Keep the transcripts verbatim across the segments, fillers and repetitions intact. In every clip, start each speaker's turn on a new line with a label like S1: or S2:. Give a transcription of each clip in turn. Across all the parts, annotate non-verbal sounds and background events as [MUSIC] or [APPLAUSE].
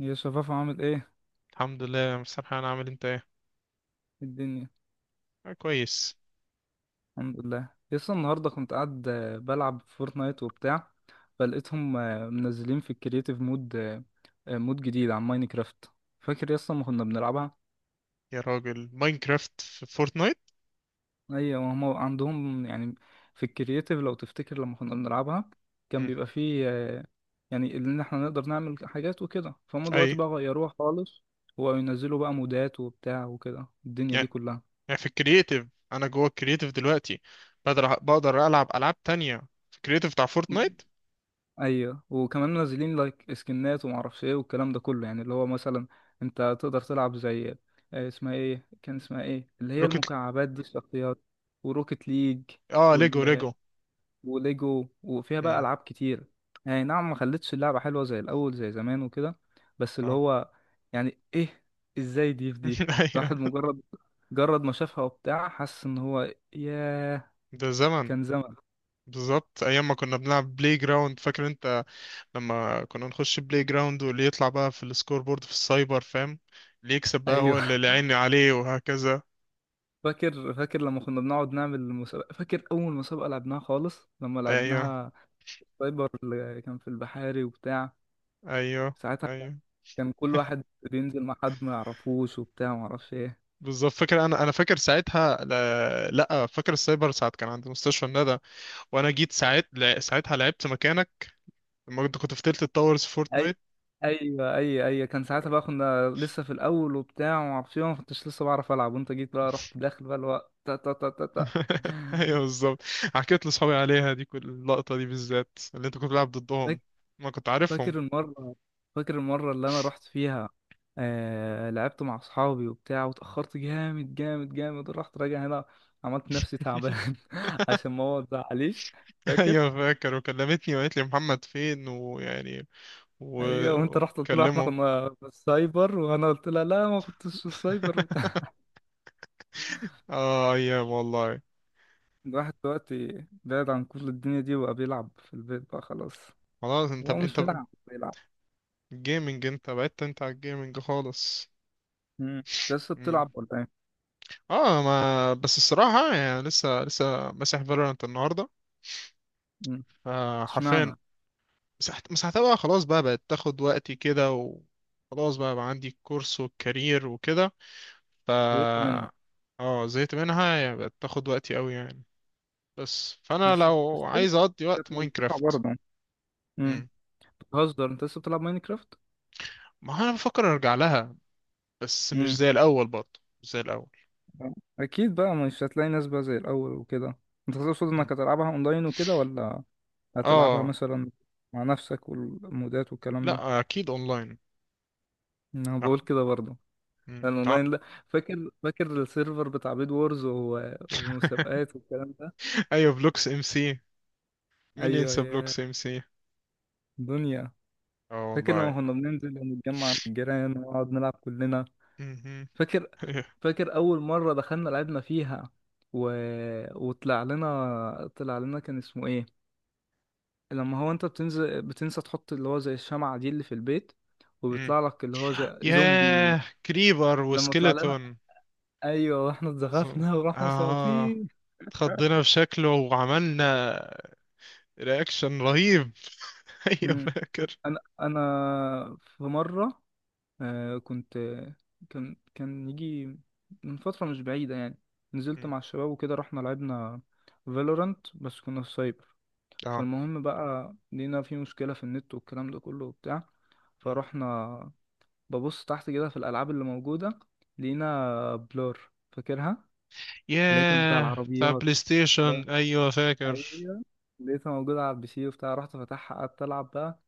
S1: يا شفاف، عامل ايه؟ إيه
S2: الحمد لله يا مستر حنان، عامل إيه؟ انت ايه
S1: الدنيا؟
S2: آه، كويس.
S1: الحمد لله، لسه النهارده كنت قاعد آه، بلعب فورتنايت وبتاع. فلقيتهم آه، منزلين في الكرييتيف مود، آه، آه، مود جديد عن ماينكرافت. فاكر لسه ما كنا بنلعبها؟
S2: يا راجل، ماينكرافت في فورتنايت.
S1: ايوه، وهم عندهم يعني في الكرييتيف، لو تفتكر لما كنا بنلعبها كان
S2: مم.
S1: بيبقى فيه آه، يعني ان احنا نقدر نعمل حاجات وكده. فهم
S2: اي.
S1: دلوقتي بقى غيروها خالص، وينزلوا بقى مودات وبتاع وكده الدنيا دي
S2: يعني
S1: كلها.
S2: يعني في الكرييتيف، انا جوه الكرييتيف دلوقتي. بقدر بقدر العب العاب تانية في الكرييتيف بتاع فورتنايت.
S1: ايوه، وكمان منزلين لايك سكنات وما اعرفش ايه والكلام ده كله، يعني اللي هو مثلا انت تقدر تلعب زي، آه، اسمها ايه، كان اسمها ايه اللي هي
S2: روكت.
S1: المكعبات دي الشخصيات، وروكيت ليج
S2: اه، ليجو
S1: وال...
S2: ليجو.
S1: وليجو، وفيها بقى
S2: مم.
S1: العاب كتير. يعني نعم، ما خلتش اللعبه حلوه زي الاول زي زمان وكده. بس اللي
S2: اه.
S1: هو يعني ايه، ازاي دي في دي.
S2: [LAUGHS] ايوه،
S1: الواحد مجرد مجرد ما شافها وبتاع، حس ان هو ياه،
S2: ده زمن.
S1: كان زمن.
S2: بالظبط، ايام ما كنا بنلعب بلاي جراوند، فاكر انت؟ لما كنا نخش بلاي جراوند واللي يطلع بقى في السكور بورد في السايبر، فاهم؟ اللي يكسب
S1: [LAUGHS]
S2: بقى هو اللي
S1: ايوه.
S2: اللي عيني عليه، وهكذا.
S1: فاكر فاكر لما كنا بنقعد نعمل مسابقة. فاكر أول مسابقة لعبناها خالص لما
S2: ايوه،
S1: لعبناها، سايبر اللي كان في البحاري وبتاع.
S2: ايوه،
S1: ساعتها كان،
S2: ايوه،
S1: كان كل واحد بينزل مع حد ما يعرفوش وبتاع ما اعرفش ايه.
S2: بالظبط، فاكر. انا انا فاكر ساعتها، لا, لا، فاكر السايبر ساعه كان عند مستشفى الندى، وانا جيت ساعت لا- ساعتها لعبت مكانك لما كنت كنت في تلت التاورز في
S1: أي،
S2: فورتنايت.
S1: أيوة أيوة أيوة، كان ساعتها بقى كنا لسه في الأول وبتاع وما اعرفش ايه، ما كنتش لسه بعرف ألعب، وأنت جيت بقى رحت داخل بقى الوقت، تا تا تا تا
S2: [LAUGHS] ايوه، بالظبط، حكيت لاصحابي عليها، دي كل اللقطه دي بالذات اللي انت كنت بتلعب
S1: تا
S2: ضدهم، ما كنت عارفهم.
S1: فاكر المرة، فاكر المرة اللي أنا رحت فيها، آه... لعبت مع أصحابي وبتاع، وتأخرت جامد جامد جامد، ورحت راجع هنا، عملت نفسي تعبان [LAUGHS] عشان
S2: [LAUGHS]
S1: ماما متزعليش. فاكر؟
S2: ايوه فاكر، وكلمتني وقالت لي محمد فين، ويعني
S1: أيوة، وأنت رحت قلت لها إحنا
S2: وكلمه.
S1: كنا في السايبر، وأنا قلت لها لا ما كنتش في السايبر
S2: [LAUGHS]
S1: وبتاع.
S2: اه، ايام والله.
S1: [LAUGHS] الواحد دلوقتي بعيد عن كل الدنيا دي، وبقى بيلعب في البيت بقى خلاص.
S2: خلاص انت
S1: هو
S2: ب...
S1: مش
S2: انت ب...
S1: بيلعب بيلعب.
S2: جيمنج، انت بعدت انت على الجيمنج خالص.
S1: مم. أنت لسه بتلعب ولا إيه؟
S2: اه، ما بس الصراحة يعني لسه لسه مسح فالورانت النهاردة.
S1: مم. اشمعنى؟
S2: فحرفيا مسحت مسحتها بقى، خلاص بقى بقت تاخد وقتي كده، وخلاص بقى, بقى عندي الكورس والكارير وكده. ف
S1: زهقت منها.
S2: اه، زهقت منها، يعني بقت تاخد وقتي قوي يعني. بس فانا
S1: بس
S2: لو
S1: بس
S2: عايز اقضي
S1: كانت
S2: وقت،
S1: ممتعة
S2: ماينكرافت.
S1: برضه. مم.
S2: مم.
S1: بتهزر؟ انت لسه بتلعب ماينكرافت؟
S2: ما هو انا بفكر ارجع لها، بس مش
S1: امم.
S2: زي الاول برضه، مش زي الاول.
S1: اكيد بقى مش هتلاقي ناس بقى زي الاول وكده. انت تقصد
S2: مم.
S1: انك هتلعبها اونلاين وكده، ولا هتلعبها
S2: اه،
S1: مثلا مع نفسك والمودات والكلام ده؟
S2: لا اكيد اونلاين.
S1: انا
S2: آه.
S1: بقول كده برضه،
S2: مم.
S1: لان
S2: آه.
S1: اونلاين لا. فاكر فاكر السيرفر بتاع بيد وورز و-
S2: [LAUGHS]
S1: والمسابقات والكلام ده.
S2: ايوه، بلوكس ام سي. مين
S1: ايوه
S2: ينسى بلوك
S1: يا
S2: سي سي؟
S1: دنيا.
S2: اه
S1: فاكر لما
S2: والله.
S1: كنا بننزل ونتجمع عند الجيران ونقعد نلعب كلنا؟
S2: مهم.
S1: فاكر؟
S2: [LAUGHS]
S1: فاكر اول مره دخلنا لعبنا فيها، و... وطلع لنا، طلع لنا كان اسمه ايه، لما هو انت بتنزل بتنسى تحط اللي هو زي الشمعة دي اللي في البيت،
S2: مم.
S1: وبيطلع لك اللي هو زي زومبي.
S2: ياه، كريبر
S1: لما طلع لنا،
S2: وسكيلتون.
S1: ايوه، واحنا
S2: مظبوط.
S1: اتزغفنا ورحنا
S2: اه،
S1: مساطين.
S2: اتخضينا في شكله وعملنا رياكشن رهيب. [LAUGHS] ايوه
S1: مم.
S2: فاكر.
S1: انا انا في مرة آه،
S2: مم.
S1: كنت، كان كان يجي من فترة مش بعيدة يعني، نزلت
S2: مم.
S1: مع الشباب وكده، رحنا لعبنا فالورانت، بس كنا في سايبر.
S2: اه.
S1: فالمهم بقى لقينا في مشكلة في النت والكلام ده كله وبتاع،
S2: مم.
S1: فرحنا ببص تحت كده في الألعاب اللي موجودة، لقينا بلور، فاكرها؟ اللي هي كانت بتاع
S2: ياه، بتاع
S1: العربيات.
S2: بلاي ستيشن،
S1: لا،
S2: ايوه فاكر.
S1: أيوه. لقيتها موجودة على البي سي وبتاع، رحت فتحها قعدت ألعب بقى.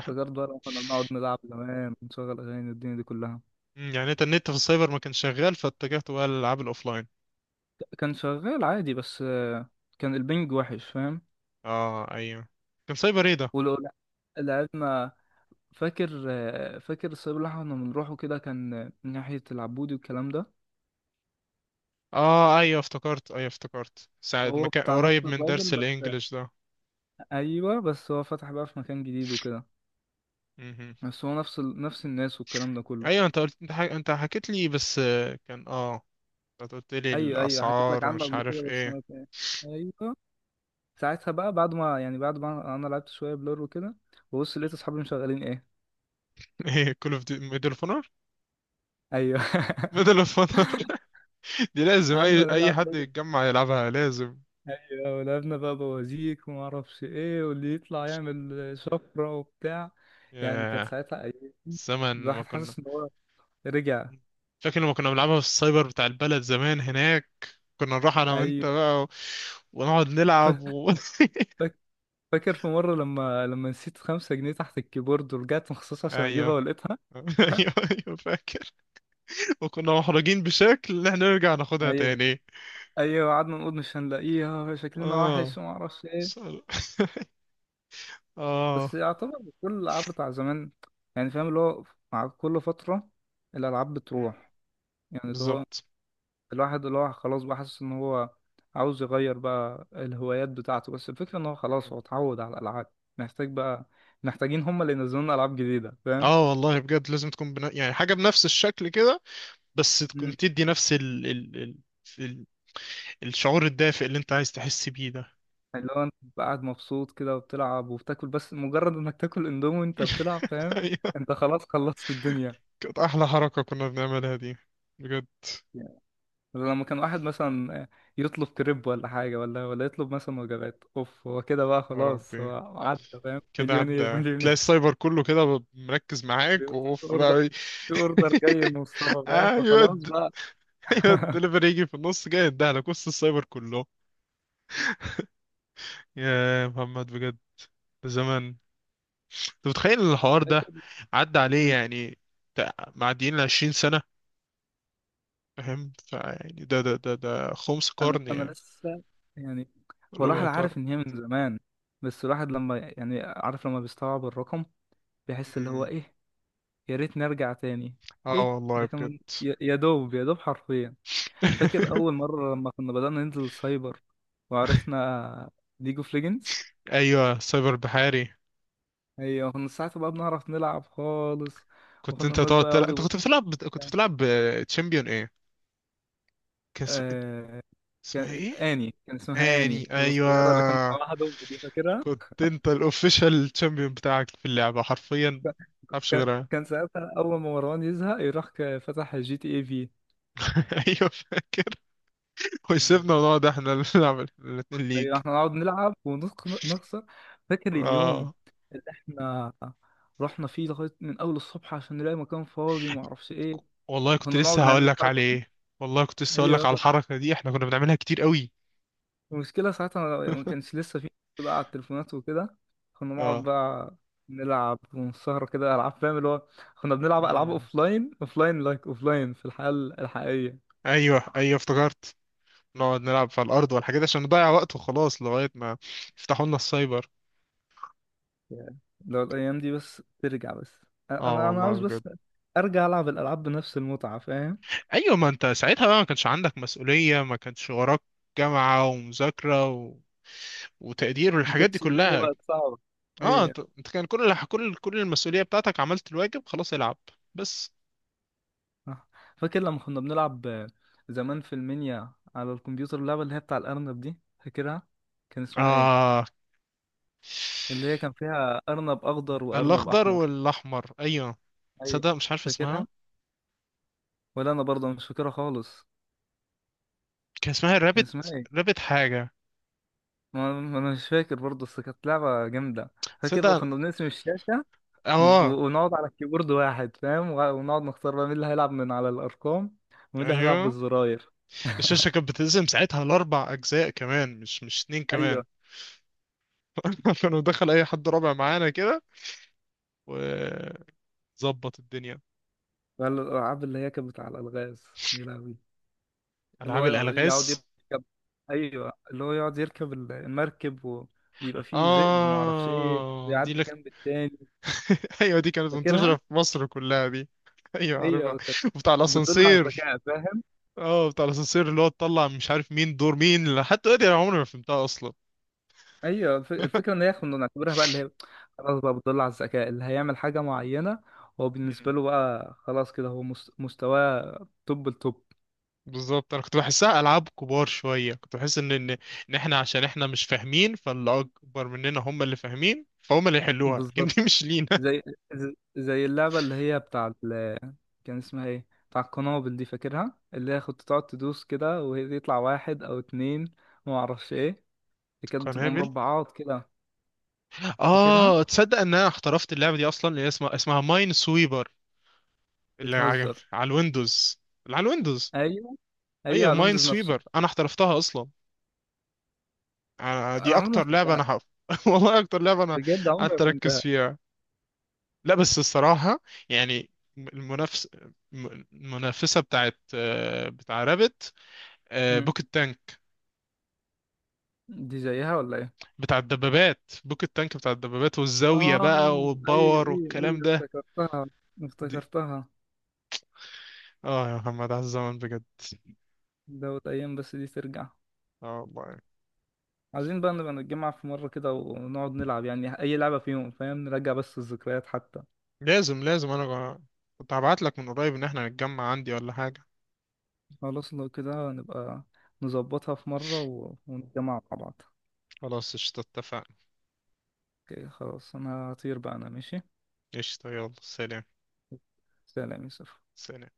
S1: افتكرت بقى لما كنا بنقعد نلعب زمان ونشغل أغاني والدنيا دي كلها.
S2: مم. يعني انت النت في السايبر ما كانش شغال، فاتجهت بقى للالعاب الاوفلاين.
S1: كان شغال عادي، بس آه، كان البنج وحش، فاهم؟
S2: اه ايوه. كان سايبر ايه ده؟
S1: ولو لعبنا. فاكر آه، فاكر السايب اللي احنا كنا بنروحه كده، كان آه، ناحية العبودي والكلام ده.
S2: اه ايوه، افتكرت. ايوه افتكرت ساعة ما
S1: هو
S2: كان
S1: بتاع نفس
S2: قريب من
S1: الراجل،
S2: درس
S1: بس
S2: الانجليش ده.
S1: ايوه بس هو فتح بقى في مكان جديد وكده.
S2: مهم.
S1: بس هو نفس ال... نفس الناس والكلام ده كله.
S2: ايوه، انت قلت انت, حك... انت حكيت لي بس. آه، كان اه انت قلت لي
S1: ايوه ايوه، حكيت لك
S2: الاسعار
S1: عنه
S2: ومش
S1: قبل
S2: عارف
S1: كده، بس
S2: ايه.
S1: انا فاهم. ايوه، ساعتها بقى بعد ما يعني، بعد ما انا لعبت شويه بلور وكده، ببص لقيت اصحابي مشغلين ايه.
S2: [LAUGHS] ايه كل اوف دي، ميدل اوف اونر،
S1: ايوه. [LAUGHS]
S2: ميدل اوف اونر. [LAUGHS] دي لازم
S1: قعدنا
S2: اي اي
S1: نلعب
S2: حد
S1: لول.
S2: يتجمع يلعبها، لازم.
S1: ايوه، ولعبنا بقى بوازيك وما اعرفش ايه، واللي يطلع يعمل شفره وبتاع. يعني كانت
S2: ياه،
S1: ساعتها ايام،
S2: الزمن. ما
S1: الواحد
S2: كنا
S1: حاسس ان هو رجع.
S2: فاكر لما كنا بنلعبها في السايبر بتاع البلد زمان هناك، كنا نروح انا وانت
S1: ايوه.
S2: بقى و... ونقعد
S1: ف-
S2: نلعب و... [LAUGHS]
S1: فاك- فاكر في مره، لما لما نسيت خمسة جنيه تحت الكيبورد، ورجعت مخصوص عشان اجيبها
S2: ايوه.
S1: ولقيتها.
S2: [LAUGHS]
S1: [LAUGHS]
S2: ايوه، ايوه فاكر. وكنا محرجين بشكل ان احنا نرجع ناخدها
S1: ايوه
S2: تاني.
S1: ايوه، قعدنا نقول مش هنلاقيها، شكلنا
S2: اه.
S1: وحش وما اعرفش ايه.
S2: [LAUGHS] اه،
S1: بس يعتبر كل الالعاب بتاع زمان، يعني فاهم اللي هو، مع كل فتره الالعاب بتروح. يعني اللي هو
S2: بالظبط.
S1: الواحد اللي هو خلاص بقى حاسس ان هو عاوز يغير بقى الهوايات بتاعته، بس الفكره ان هو خلاص
S2: مم.
S1: هو اتعود على الالعاب. محتاج بقى، محتاجين هم اللي ينزلوا لنا العاب جديده، فاهم؟
S2: اه والله بجد، لازم تكون بنا... يعني حاجة بنفس الشكل كده، بس تكون
S1: مم.
S2: تدي نفس ال... ال... ال... ال... الشعور الدافئ اللي انت عايز تحس بيه ده.
S1: اللي هو انت بتبقى قاعد مبسوط كده وبتلعب وبتاكل، بس مجرد انك تاكل اندومي وانت بتلعب
S2: [LAUGHS]
S1: فاهم.
S2: ايوه.
S1: انت خلاص خلصت الدنيا.
S2: كانت احلى حركة كنا بنعملها دي، بجد.
S1: لما كان واحد مثلا يطلب كريب ولا حاجة ولا ولا يطلب مثلا وجبات اوف، هو كده بقى
S2: يا
S1: خلاص
S2: ربي،
S1: هو عدى فاهم،
S2: كده
S1: مليونير
S2: عدى تلاقي
S1: مليونير.
S2: السايبر كله كده مركز
S1: [LAUGHS]
S2: معاك،
S1: بيبص في
S2: واوف
S1: اوردر،
S2: بقى. [LAUGHS]
S1: في اوردر جاي لمصطفى فاهم،
S2: ايوه
S1: فخلاص
S2: د-
S1: بقى.
S2: ايوه
S1: [LAUGHS]
S2: الدليفري، [LAUGHS] يجي في النص جاي يديها لك وسط السايبر كله. يا محمد، بجد، زمان. انت متخيل الحوار ده
S1: فاكر.
S2: عدى عليه؟
S1: مم.
S2: يعني تع- معديين ال عشرين سنة، فاهم؟ فيعني ده ده ده ده خمس
S1: انا
S2: قرن
S1: انا
S2: يعني.
S1: لسه يعني، هو
S2: ربع
S1: الواحد
S2: قرن.
S1: عارف ان هي من زمان، بس الواحد لما يعني عارف، لما بيستوعب الرقم بيحس اللي هو
S2: مم.
S1: ايه. يا ريت نرجع تاني.
S2: اه
S1: ايه
S2: والله
S1: ده،
S2: بجد.
S1: كان يا يا دوب يا دوب حرفيا. فاكر اول
S2: [LAUGHS]
S1: مره لما كنا بدانا ننزل سايبر وعرفنا ليج اوف ليجندز.
S2: ايوه، سايبر بحاري.
S1: ايوه، كنا ساعتها بقى بنعرف نلعب خالص،
S2: كنت
S1: وكنا
S2: انت
S1: الناس
S2: تقعد
S1: بقى
S2: تلعب،
S1: يقعدوا
S2: انت كنت
S1: يبصوا
S2: بتلعب بت- كنت
S1: لنا.
S2: بتلعب تشامبيون ايه؟ كان اس-
S1: آه...
S2: اسمها
S1: كان،
S2: ايه؟
S1: اني كان اسمها اني
S2: اني،
S1: القصيره اللي كانت
S2: ايوه.
S1: معاها دب دي، فاكرها؟
S2: كنت انت الاوفيشال تشامبيون بتاعك في اللعبة، حرفيا ما تعرفش
S1: كان
S2: غيرها.
S1: كان ساعتها اول ما مروان يزهق يروح، ك- فتح جي تي اي في.
S2: [LAUGHS] ايوه فاكر. ويسيبنا ونقعد احنا اللي نلعب الاتنين ليج.
S1: ايوه، احنا نقعد نلعب ونخسر. فاكر اليوم
S2: اه
S1: اللي احنا رحنا فيه لغايه من اول الصبح عشان نلاقي مكان فاضي ما اعرفش ايه.
S2: والله، كنت
S1: كنا نقعد
S2: لسه هقول
S1: نعمل
S2: لك
S1: الحركة دي.
S2: عليه. والله كنت لسه هقول
S1: ايوه
S2: لك على
S1: والله.
S2: الحركة دي، احنا كنا بنعملها كتير قوي.
S1: المشكلة ساعتها ما كانش لسه في بقى على التليفونات وكده. كنا نقعد
S2: اه.
S1: بقى نلعب ونسهر كده ألعاب فاهم اللي هو، كنا بنلعب ألعاب
S2: امم
S1: أوفلاين، أوفلاين لايك أوفلاين في الحياة الحقيقية.
S2: ايوه، ايوه افتكرت. نقعد نلعب في الارض والحاجات دي عشان نضيع وقت وخلاص، لغاية ما يفتحوا لنا السايبر.
S1: يعني لو الأيام دي بس ترجع بس، أنا
S2: اه
S1: أنا أنا
S2: والله
S1: عاوز
S2: بجد.
S1: بس أرجع ألعب الألعاب بنفس المتعة فاهم.
S2: ايوه، ما انت ساعتها بقى ما كانش عندك مسؤولية، ما كانش وراك جامعة ومذاكرة و... وتقدير
S1: ما
S2: والحاجات دي
S1: كانتش الدنيا
S2: كلها.
S1: بقت صعبة.
S2: اه،
S1: أيوة.
S2: انت انت كان كل الح- كل كل المسؤولية بتاعتك عملت الواجب، خلاص العب بس.
S1: صح. فاكر لما كنا بنلعب آه، زمان في المنيا على الكمبيوتر اللعبة اللي هي بتاع الأرنب دي؟ فاكرها؟ كان اسمها إيه؟
S2: اه،
S1: اللي هي كان فيها أرنب أخضر وأرنب
S2: الاخضر
S1: أحمر.
S2: والاحمر، ايوه.
S1: ايوه.
S2: تصدق مش عارف اسمها.
S1: فاكرها؟ ولا أنا برضه مش فاكرها خالص.
S2: كان اسمها
S1: كان
S2: رابت.
S1: اسمها إيه؟
S2: رابت حاجه.
S1: ما ما أنا مش فاكر برضه، بس كانت لعبة جامدة. فاكر
S2: تصدق.
S1: كنا بنقسم الشاشة،
S2: اه
S1: و- ونقعد على الكيبورد واحد فاهم، وع- ونقعد نختار بقى مين اللي هيلعب من على الأرقام، ومين اللي هيلعب
S2: ايوه،
S1: بالزراير.
S2: الشاشه كانت بتقسم ساعتها لاربع اجزاء كمان، مش مش اتنين
S1: ايوه.
S2: كمان. [LAUGHS] كانوا دخل اي حد رابع معانا كده، وظبط الدنيا.
S1: ولا الألعاب اللي هي كانت بتاع الألغاز، يا لهوي. اللي
S2: العاب
S1: هو يقعد
S2: الالغاز.
S1: يركب، أيوه اللي هو يقعد يركب المركب، ويبقى فيه ذئب ومعرفش إيه
S2: اه، دي
S1: ويعدي
S2: لك.
S1: جنب التاني.
S2: [LAUGHS] ايوه، دي كانت منتشره
S1: فاكرها؟
S2: في مصر كلها دي. [LAUGHS] ايوه عارفها.
S1: ايوه كانت،
S2: وبتاع
S1: كانت بتدل على
S2: الاسانسير.
S1: الذكاء فاهم.
S2: اه، بتاع الاسانسير اللي هو تطلع مش عارف مين دور مين، لحد دلوقتي انا عمري ما فهمتها اصلا.
S1: ايوه، الف- الفكره ان هي كنا نعتبرها بقى اللي هي، خلاص بقى بتدل على الذكاء. اللي هيعمل حاجه معينه، هو
S2: مم.
S1: بالنسبه له بقى خلاص كده، هو مس- مستواه توب التوب.
S2: بالظبط، انا كنت بحسها العاب كبار شويه، كنت بحس ان ان ان احنا عشان احنا مش فاهمين، فاللي اكبر مننا هم اللي فاهمين، فهم اللي يحلوها. [LAUGHS] لكن
S1: بالظبط.
S2: دي مش لينا.
S1: زي زي اللعبه اللي هي بتاع ال... كان اسمها ايه بتاع القنابل دي؟ فاكرها؟ اللي هي كنت تقعد تدوس كده، وهي يطلع واحد او اتنين وما اعرفش ايه اللي،
S2: [LAUGHS]
S1: كانت بتبقى
S2: قنابل.
S1: مربعات كده. فاكرها؟
S2: اه، تصدق ان انا احترفت اللعبه دي اصلا، اللي هي اسمها اسمها ماين سويبر، اللي على
S1: بتهزر.
S2: على الويندوز، اللي على الويندوز.
S1: ايوه ايوه،
S2: ايوه،
S1: على
S2: ماين
S1: ويندوز نفسه.
S2: سويبر انا احترفتها اصلا. آه،
S1: انا
S2: دي
S1: عمري ما
S2: اكتر لعبه
S1: فهمتها.
S2: انا حف... [LAUGHS] والله اكتر لعبه انا
S1: بجد عمري
S2: قعدت
S1: ما
S2: اركز
S1: فهمتها.
S2: فيها. لا بس الصراحة يعني، المنافس الم- المنافسة بتاعت آه، بتاع رابت،
S1: مم.
S2: بوكت تانك.
S1: دي زيها ولا ايه؟
S2: بتاع الدبابات، بوكت تانك، بتاع الدبابات والزاوية
S1: اه
S2: بقى
S1: ايوه
S2: والباور
S1: ايوه ايوه،
S2: والكلام ده.
S1: افتكرتها،
S2: دي.
S1: افتكرتها.
S2: اه يا محمد، على الزمن بجد.
S1: دوت ايام بس دي ترجع.
S2: اه والله،
S1: عايزين بقى نبقى نتجمع في مرة كده ونقعد نلعب يعني اي لعبة فيهم فاهم، نرجع بس الذكريات حتى.
S2: لازم لازم. انا جا- كنت هبعت لك من قريب ان احنا نتجمع عندي ولا حاجة.
S1: خلاص لو كده نبقى نظبطها في مرة و- ونتجمع مع بعض.
S2: خلاص قشطة، اتفقنا.
S1: اوكي خلاص، انا هطير بقى، انا ماشي.
S2: قشطة، يلا سلام.
S1: سلام يا يوسف.
S2: سلام.